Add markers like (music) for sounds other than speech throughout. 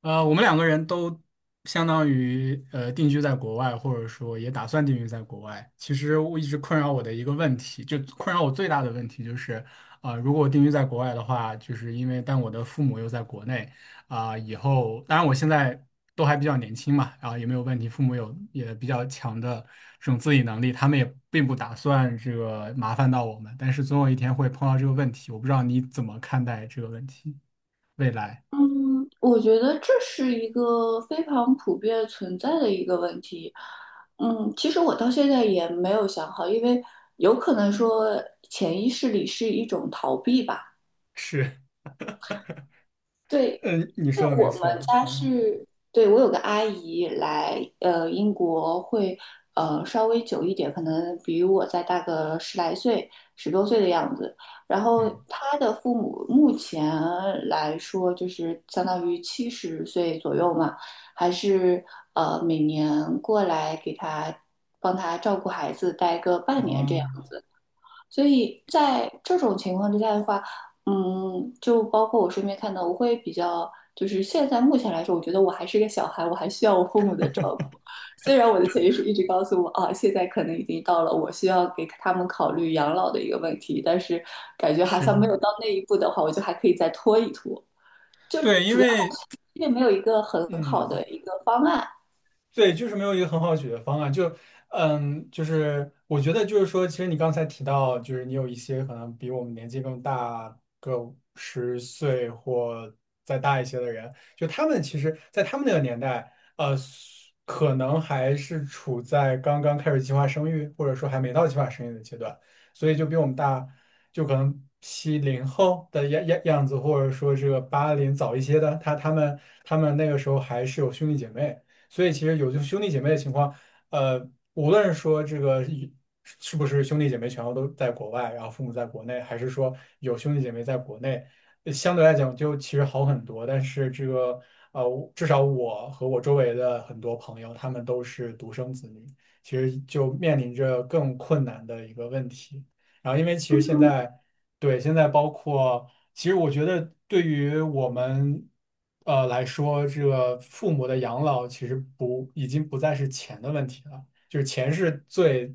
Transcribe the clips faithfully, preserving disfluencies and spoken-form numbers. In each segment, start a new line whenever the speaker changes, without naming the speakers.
呃，我们两个人都相当于呃定居在国外，或者说也打算定居在国外。其实我一直困扰我的一个问题，就困扰我最大的问题就是，啊、如果我定居在国外的话，就是因为但我的父母又在国内，啊、以后当然我现在都还比较年轻嘛，然后也没有问题，父母有也比较强的这种自理能力，他们也并不打算这个麻烦到我们，但是总有一天会碰到这个问题，我不知道你怎么看待这个问题，未来。
嗯，我觉得这是一个非常普遍存在的一个问题。嗯，其实我到现在也没有想好，因为有可能说潜意识里是一种逃避吧。
是。
对，
嗯，你
对
说的没
我们
错。
家
嗯。
是，对我有个阿姨来，呃，英国会，呃，稍微久一点，可能比我再大个十来岁、十多岁的样子。然后
嗯。
她的父母目前来说，就是相当于七十岁左右嘛，还是呃每年过来给她帮她照顾孩子，待个半年这
哦。
样。所以在这种情况之下的话，嗯，就包括我身边看到，我会比较，就是现在目前来说，我觉得我还是个小孩，我还需要我父母的照顾。虽然我的潜意识一直告诉我，啊，现在可能已经到了我需要给他们考虑养老的一个问题，但是感觉好像
是。
没有到那一步的话，我就还可以再拖一拖。就
对，因
主要还
为
是因为没有一个很好
嗯。
的一个方案。
对，就是没有一个很好的解决方案。就，嗯，就是我觉得就是说，其实你刚才提到，就是你有一些可能比我们年纪更大个十岁或再大一些的人，就他们其实，在他们那个年代，呃，可能还是处在刚刚开始计划生育，或者说还没到计划生育的阶段，所以就比我们大，就可能七零后的样样样子，或者说这个八零早一些的，他他们他们那个时候还是有兄弟姐妹。所以其实有就兄弟姐妹的情况，呃，无论说这个一是不是兄弟姐妹全部都在国外，然后父母在国内，还是说有兄弟姐妹在国内，呃相对来讲就其实好很多。但是这个呃，我至少我和我周围的很多朋友，他们都是独生子女，其实就面临着更困难的一个问题。然后因为其实现在。对，现在包括，其实我觉得对于我们，呃来说，这个父母的养老其实不，已经不再是钱的问题了，就是钱是最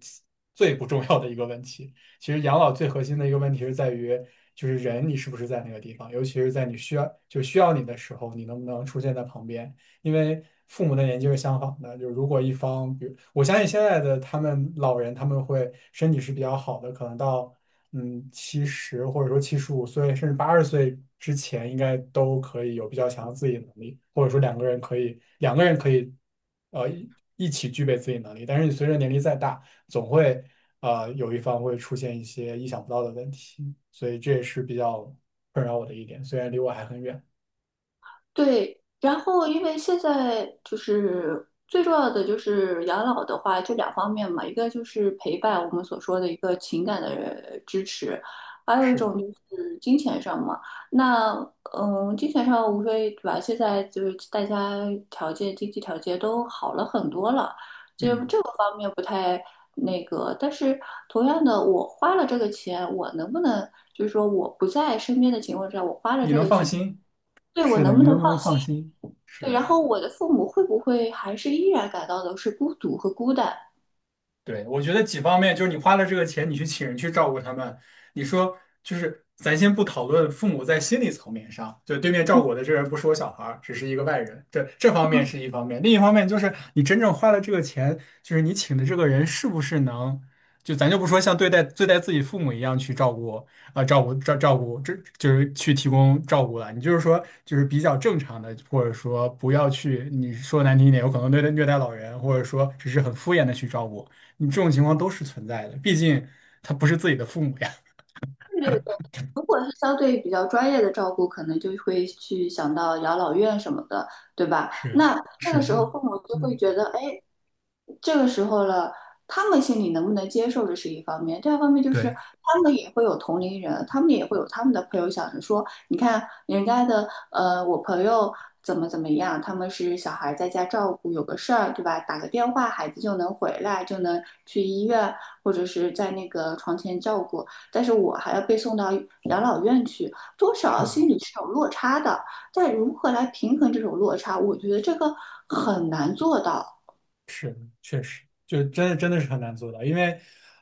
最不重要的一个问题。其实养老最核心的一个问题是在于，就是人你是不是在那个地方，尤其是在你需要就需要你的时候，你能不能出现在旁边？因为父母的年纪是相仿的，就是如果一方，比如我相信现在的他们老人，他们会身体是比较好的，可能到。嗯，七十或者说七十五岁，甚至八十岁之前，应该都可以有比较强的自理能力，或者说两个人可以，两个人可以，呃，一一起具备自理能力。但是你随着年龄再大，总会呃有一方会出现一些意想不到的问题，所以这也是比较困扰我的一点，虽然离我还很远。
对，然后因为现在就是最重要的就是养老的话，就两方面嘛，一个就是陪伴，我们所说的一个情感的支持，还有一
是，
种就是金钱上嘛。那嗯，金钱上无非对吧？现在就是大家条件、经济条件都好了很多了，就
嗯，
这个方面不太那个。但是同样的，我花了这个钱，我能不能就是说我不在身边的情况下，我花了
你
这
能
个
放
钱。
心？
对，我
是的，
能
你
不能
能不能放心？
对，然
是。
后我的父母会不会还是依然感到的是孤独和孤单？
对，我觉得几方面，就是你花了这个钱，你去请人去照顾他们，你说就是咱先不讨论父母在心理层面上，就对面照
嗯，
顾我的这个人不是我小孩儿，只是一个外人，这这方面
嗯，
是一方面，另一方面就是你真正花了这个钱，就是你请的这个人是不是能，就咱就不说像对待对待自己父母一样去照顾啊、呃照顾照照顾，这就是去提供照顾了，你就是说就是比较正常的，或者说不要去你说难听一点，有可能对待虐待老人，或者说只是很敷衍的去照顾。你这种情况都是存在的，毕竟他不是自己的父母呀。
对是的，如果是相对比较专业的照顾，可能就会去想到养老院什么的，对吧？
是
那这
是
个
的，
时候父母就会
嗯，
觉得，哎，这个时候了，他们心里能不能接受，这是一方面；第二方面就是
对。
他们也会有同龄人，他们也会有他们的朋友想着说，你看人家的呃，我朋友怎么怎么样，他们是小孩在家照顾，有个事儿，对吧？打个电话，孩子就能回来，就能去医院或者是在那个床前照顾，但是我还要被送到养老院去，多少
是的。
心里是有落差的。但如何来平衡这种落差，我觉得这个很难做到。
是，确实，就真的真的是很难做到，因为，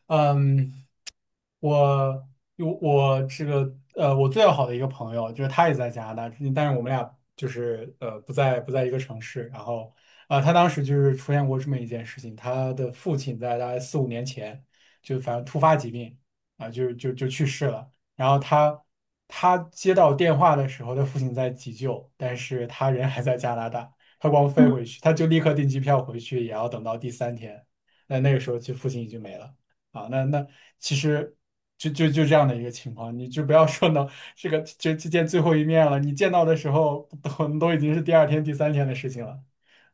嗯，我有我这个呃，我最要好的一个朋友，就是他也在加拿大，但是我们俩就是呃不在不在一个城市。然后啊、呃他当时就是出现过这么一件事情，他的父亲在大概四五年前就反正突发疾病啊、就就就去世了。然后他他接到电话的时候，他父亲在急救，但是他人还在加拿大。他光飞
嗯
回去，他就立刻订机票回去，也要等到第三天。那那个时候，其实父亲已经没了啊。那那其实就就就这样的一个情况，你就不要说能这个就就见最后一面了。你见到的时候，都都已经是第二天、第三天的事情了。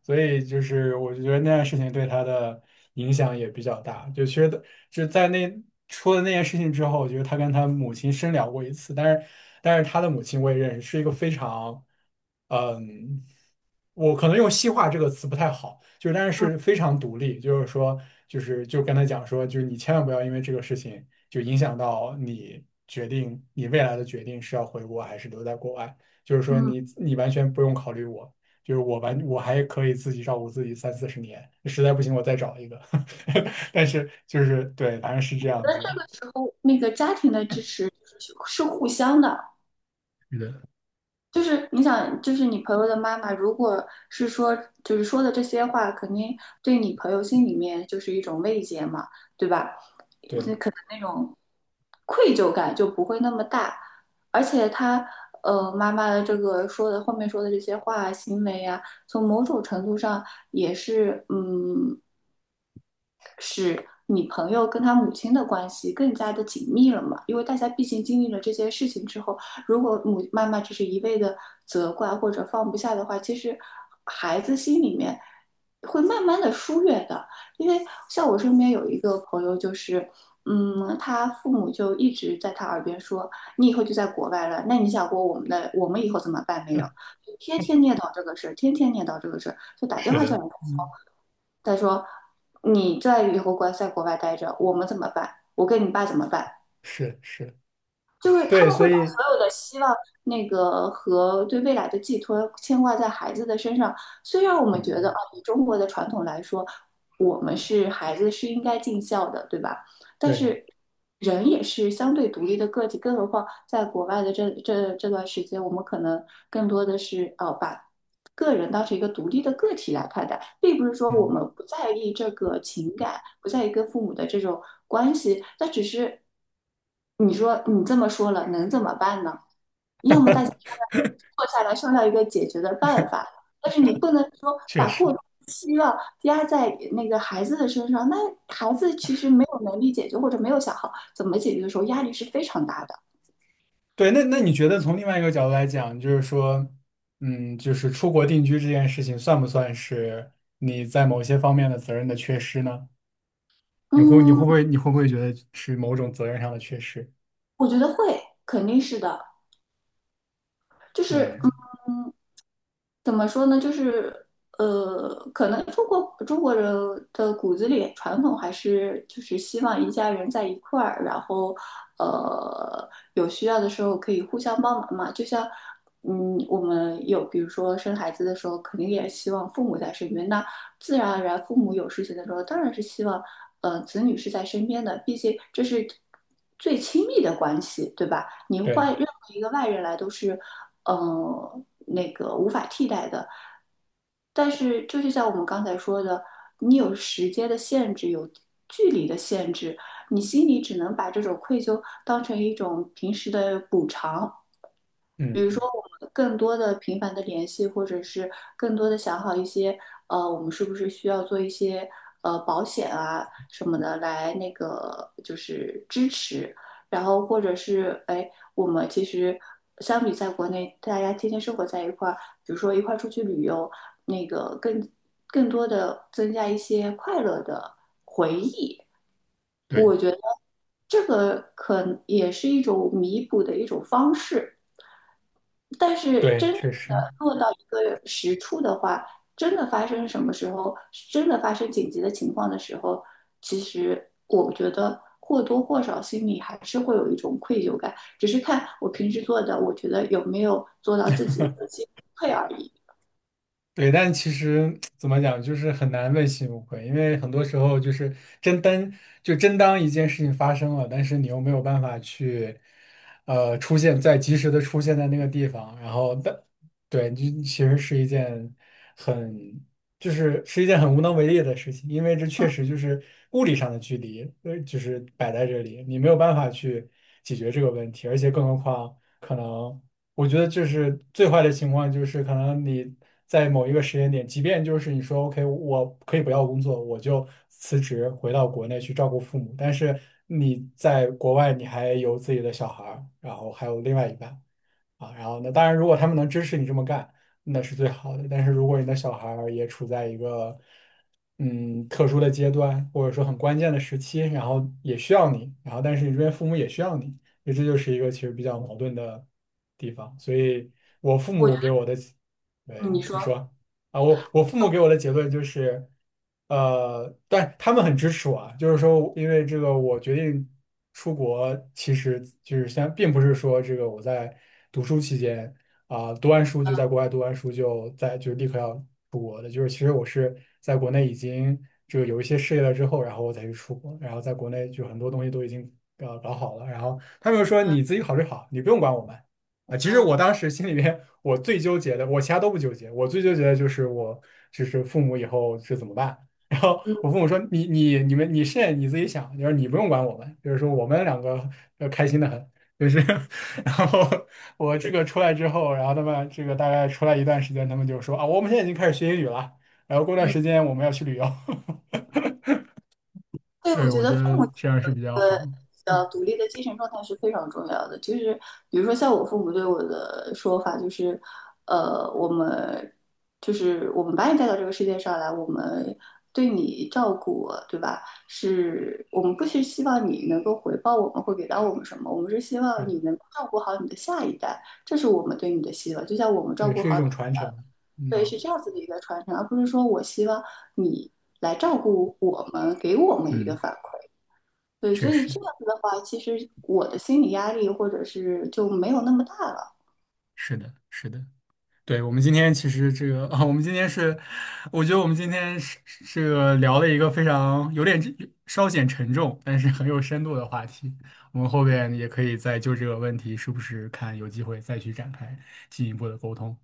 所以就是我就觉得那件事情对他的影响也比较大。就其实的就在那出了那件事情之后，我觉得他跟他母亲深聊过一次，但是但是他的母亲我也认识，是一个非常，嗯，我可能用西化这个词不太好，就是但是是非常独立，就是说就是就跟他讲说，就是你千万不要因为这个事情就影响到你决定你未来的决定是要回国还是留在国外，就是说
嗯。
你你完全不用考虑我。就是我完我还可以自己照顾自己三四十年，实在不行我再找一个。(laughs) 但是就是对，反正是这样子，
时候那个家庭的支持是互相的，
是的，
就是你想，就是你朋友的妈妈，如果是说就是说的这些话，肯定对你朋友心里面就是一种慰藉嘛，对吧？
对，
这种愧疚感就不会那么大，而且他呃妈妈的这个说的后面说的这些话、行为啊，从某种程度上也是嗯你朋友跟他母亲的关系更加的紧密了嘛？因为大家毕竟经历了这些事情之后，如果母妈妈只是一味的责怪或者放不下的话，其实孩子心里面会慢慢的疏远的。因为像我身边有一个朋友，就是嗯，他父母就一直在他耳边说：“你以后就在国外了，那你想过我们的我们以后怎么办没有？”
(laughs)
天天念叨这个事儿，天天念叨这个事儿，就打电
是
话叫你，
的，
来说，
嗯，
他说你在以后国在国外待着，我们怎么办？我跟你爸怎么办？
是是，
就是他
对，
们
所
会把
以
所有的希望、那个和对未来的寄托牵挂在孩子的身上。虽然我们觉得
嗯，
啊，以中国的传统来说，我们是孩子是应该尽孝的，对吧？但
对，
是人也是相对独立的个体，更何况在国外的这这这段时间，我们可能更多的是呃把个人当成一个独立的个体来看待，并不是说我
嗯，
们不在意这个情感，不在意跟父母的这种关系，那只是你说你这么说了，能怎么办呢？要么大家
(laughs)
坐下来商量一个解决的办法。但是你不能说
确
把过
实，
多的期望压在那个孩子的身上，那孩子其实没有能力解决或者没有想好怎么解决的时候，压力是非常大的。
对，那那你觉得从另外一个角度来讲，就是说，嗯，就是出国定居这件事情，算不算是你在某些方面的责任的缺失呢？你会你会
嗯，
不会你会不会觉得是某种责任上的缺失？
我觉得会，肯定是的。就是
嗯，
嗯，怎么说呢？就是呃，可能中国中国人的骨子里传统还是就是希望一家人在一块儿，然后呃有需要的时候可以互相帮忙嘛。就像嗯，我们有比如说生孩子的时候，肯定也希望父母在身边。那自然而然，父母有事情的时候，当然是希望呃子女是在身边的，毕竟这是最亲密的关系，对吧？你
对。
换任何一个外人来都是嗯、呃那个无法替代的。但是就是像我们刚才说的，你有时间的限制，有距离的限制，你心里只能把这种愧疚当成一种平时的补偿，比如
嗯，
说，我们更多的频繁的联系，或者是更多的想好一些，呃，我们是不是需要做一些呃保险啊什么的来那个就是支持，然后或者是哎，我们其实相比在国内大家天天生活在一块儿，比如说一块儿出去旅游，那个更更多的增加一些快乐的。
对，
这个可也是一种弥补的一种方式。但是
对，
真
确实，
的落到一个实处的话，真的发生什么时候，真的发生紧急的情况的时候，其实我觉得或多或少心里还是会有一种愧疚感，只是看我平时做的，我觉得有没有做到自己的心退而已。
对，但其实怎么讲，就是很难问心无愧，因为很多时候就是真当就真当一件事情发生了，但是你又没有办法去，呃，出现在及时的出现在那个地方，然后但对，就其实是一件很就是是一件很无能为力的事情，因为这确实就是物理上的距离，呃，就是摆在这里，你没有办法去解决这个问题，而且更何况。可能。我觉得就是最坏的情况，就是可能你在某一个时间点，即便就是你说 OK，我可以不要工作，我就辞职回到国内去照顾父母，但是你在国外你还有自己的小孩儿然后还有另外一半，啊，然后那当然，如果他们能支持你这么干，那是最好的。但是如果你的小孩儿也处在一个嗯特殊的阶段，或者说很关键的时期，然后也需要你，然后但是你这边父母也需要你，所以这就是一个其实比较矛盾的地方。所以我父母给
我
我的，对，
你
你
说，
说。啊，我我父母给我的结论就是，呃，但他们很支持我啊，就是说，因为这个我决定出国，其实就是先，并不是说这个我在读书期间啊、读完书就在国外读完书就在就立刻要出国的，就是其实我是在国内已经这个有一些事业了之后，然后我才去出国，然后在国内就很多东西都已经呃搞好了，然后他们就说你自己考虑好，你不用管我们啊。其实我
嗯
当时心里面我最纠结的，我其他都不纠结，我最纠结的就是我就是父母以后是怎么办。(laughs) 然后我
嗯
父母说：“你你你们你是你自己想，就是你不用管我们，就是说我们两个要开心的很。”就是，(laughs) 然后我这个出来之后，然后他们这个大概出来一段时间，他们就说：“啊，我们现在已经开始学英语了，然后过段
嗯
时间我们要去旅游。” (laughs)
对，我
对，
觉
我觉
得
得
父母
这样是
有
比
一
较
个
好。
比较独立的精神状态是非常重要的。就是比如说，像我父母对我的说法，就是，呃，我们就是我们把你带到这个世界上来，我们对你照顾，对吧？是我们不是希望你能够回报我们会给到我们什么，我们是希
对，
望
的，
你能够照顾好你的下一代，这是我们对你的希望。就像我们照
对，
顾
是一
好你，
种传承。
对，
嗯。
是这样子的一个传承，而不是说我希望你来照顾我们，给我们一个
嗯。
反馈。对，所
确
以
实
这样子的话，其实我的心理压力或者是就没有那么大了。
是的，是的。对，我们今天其实这个啊，(laughs) 我们今天是，我觉得我们今天是是这个聊了一个非常有点稍显沉重，但是很有深度的话题。我们后边也可以再就这个问题，是不是看有机会再去展开进一步的沟通。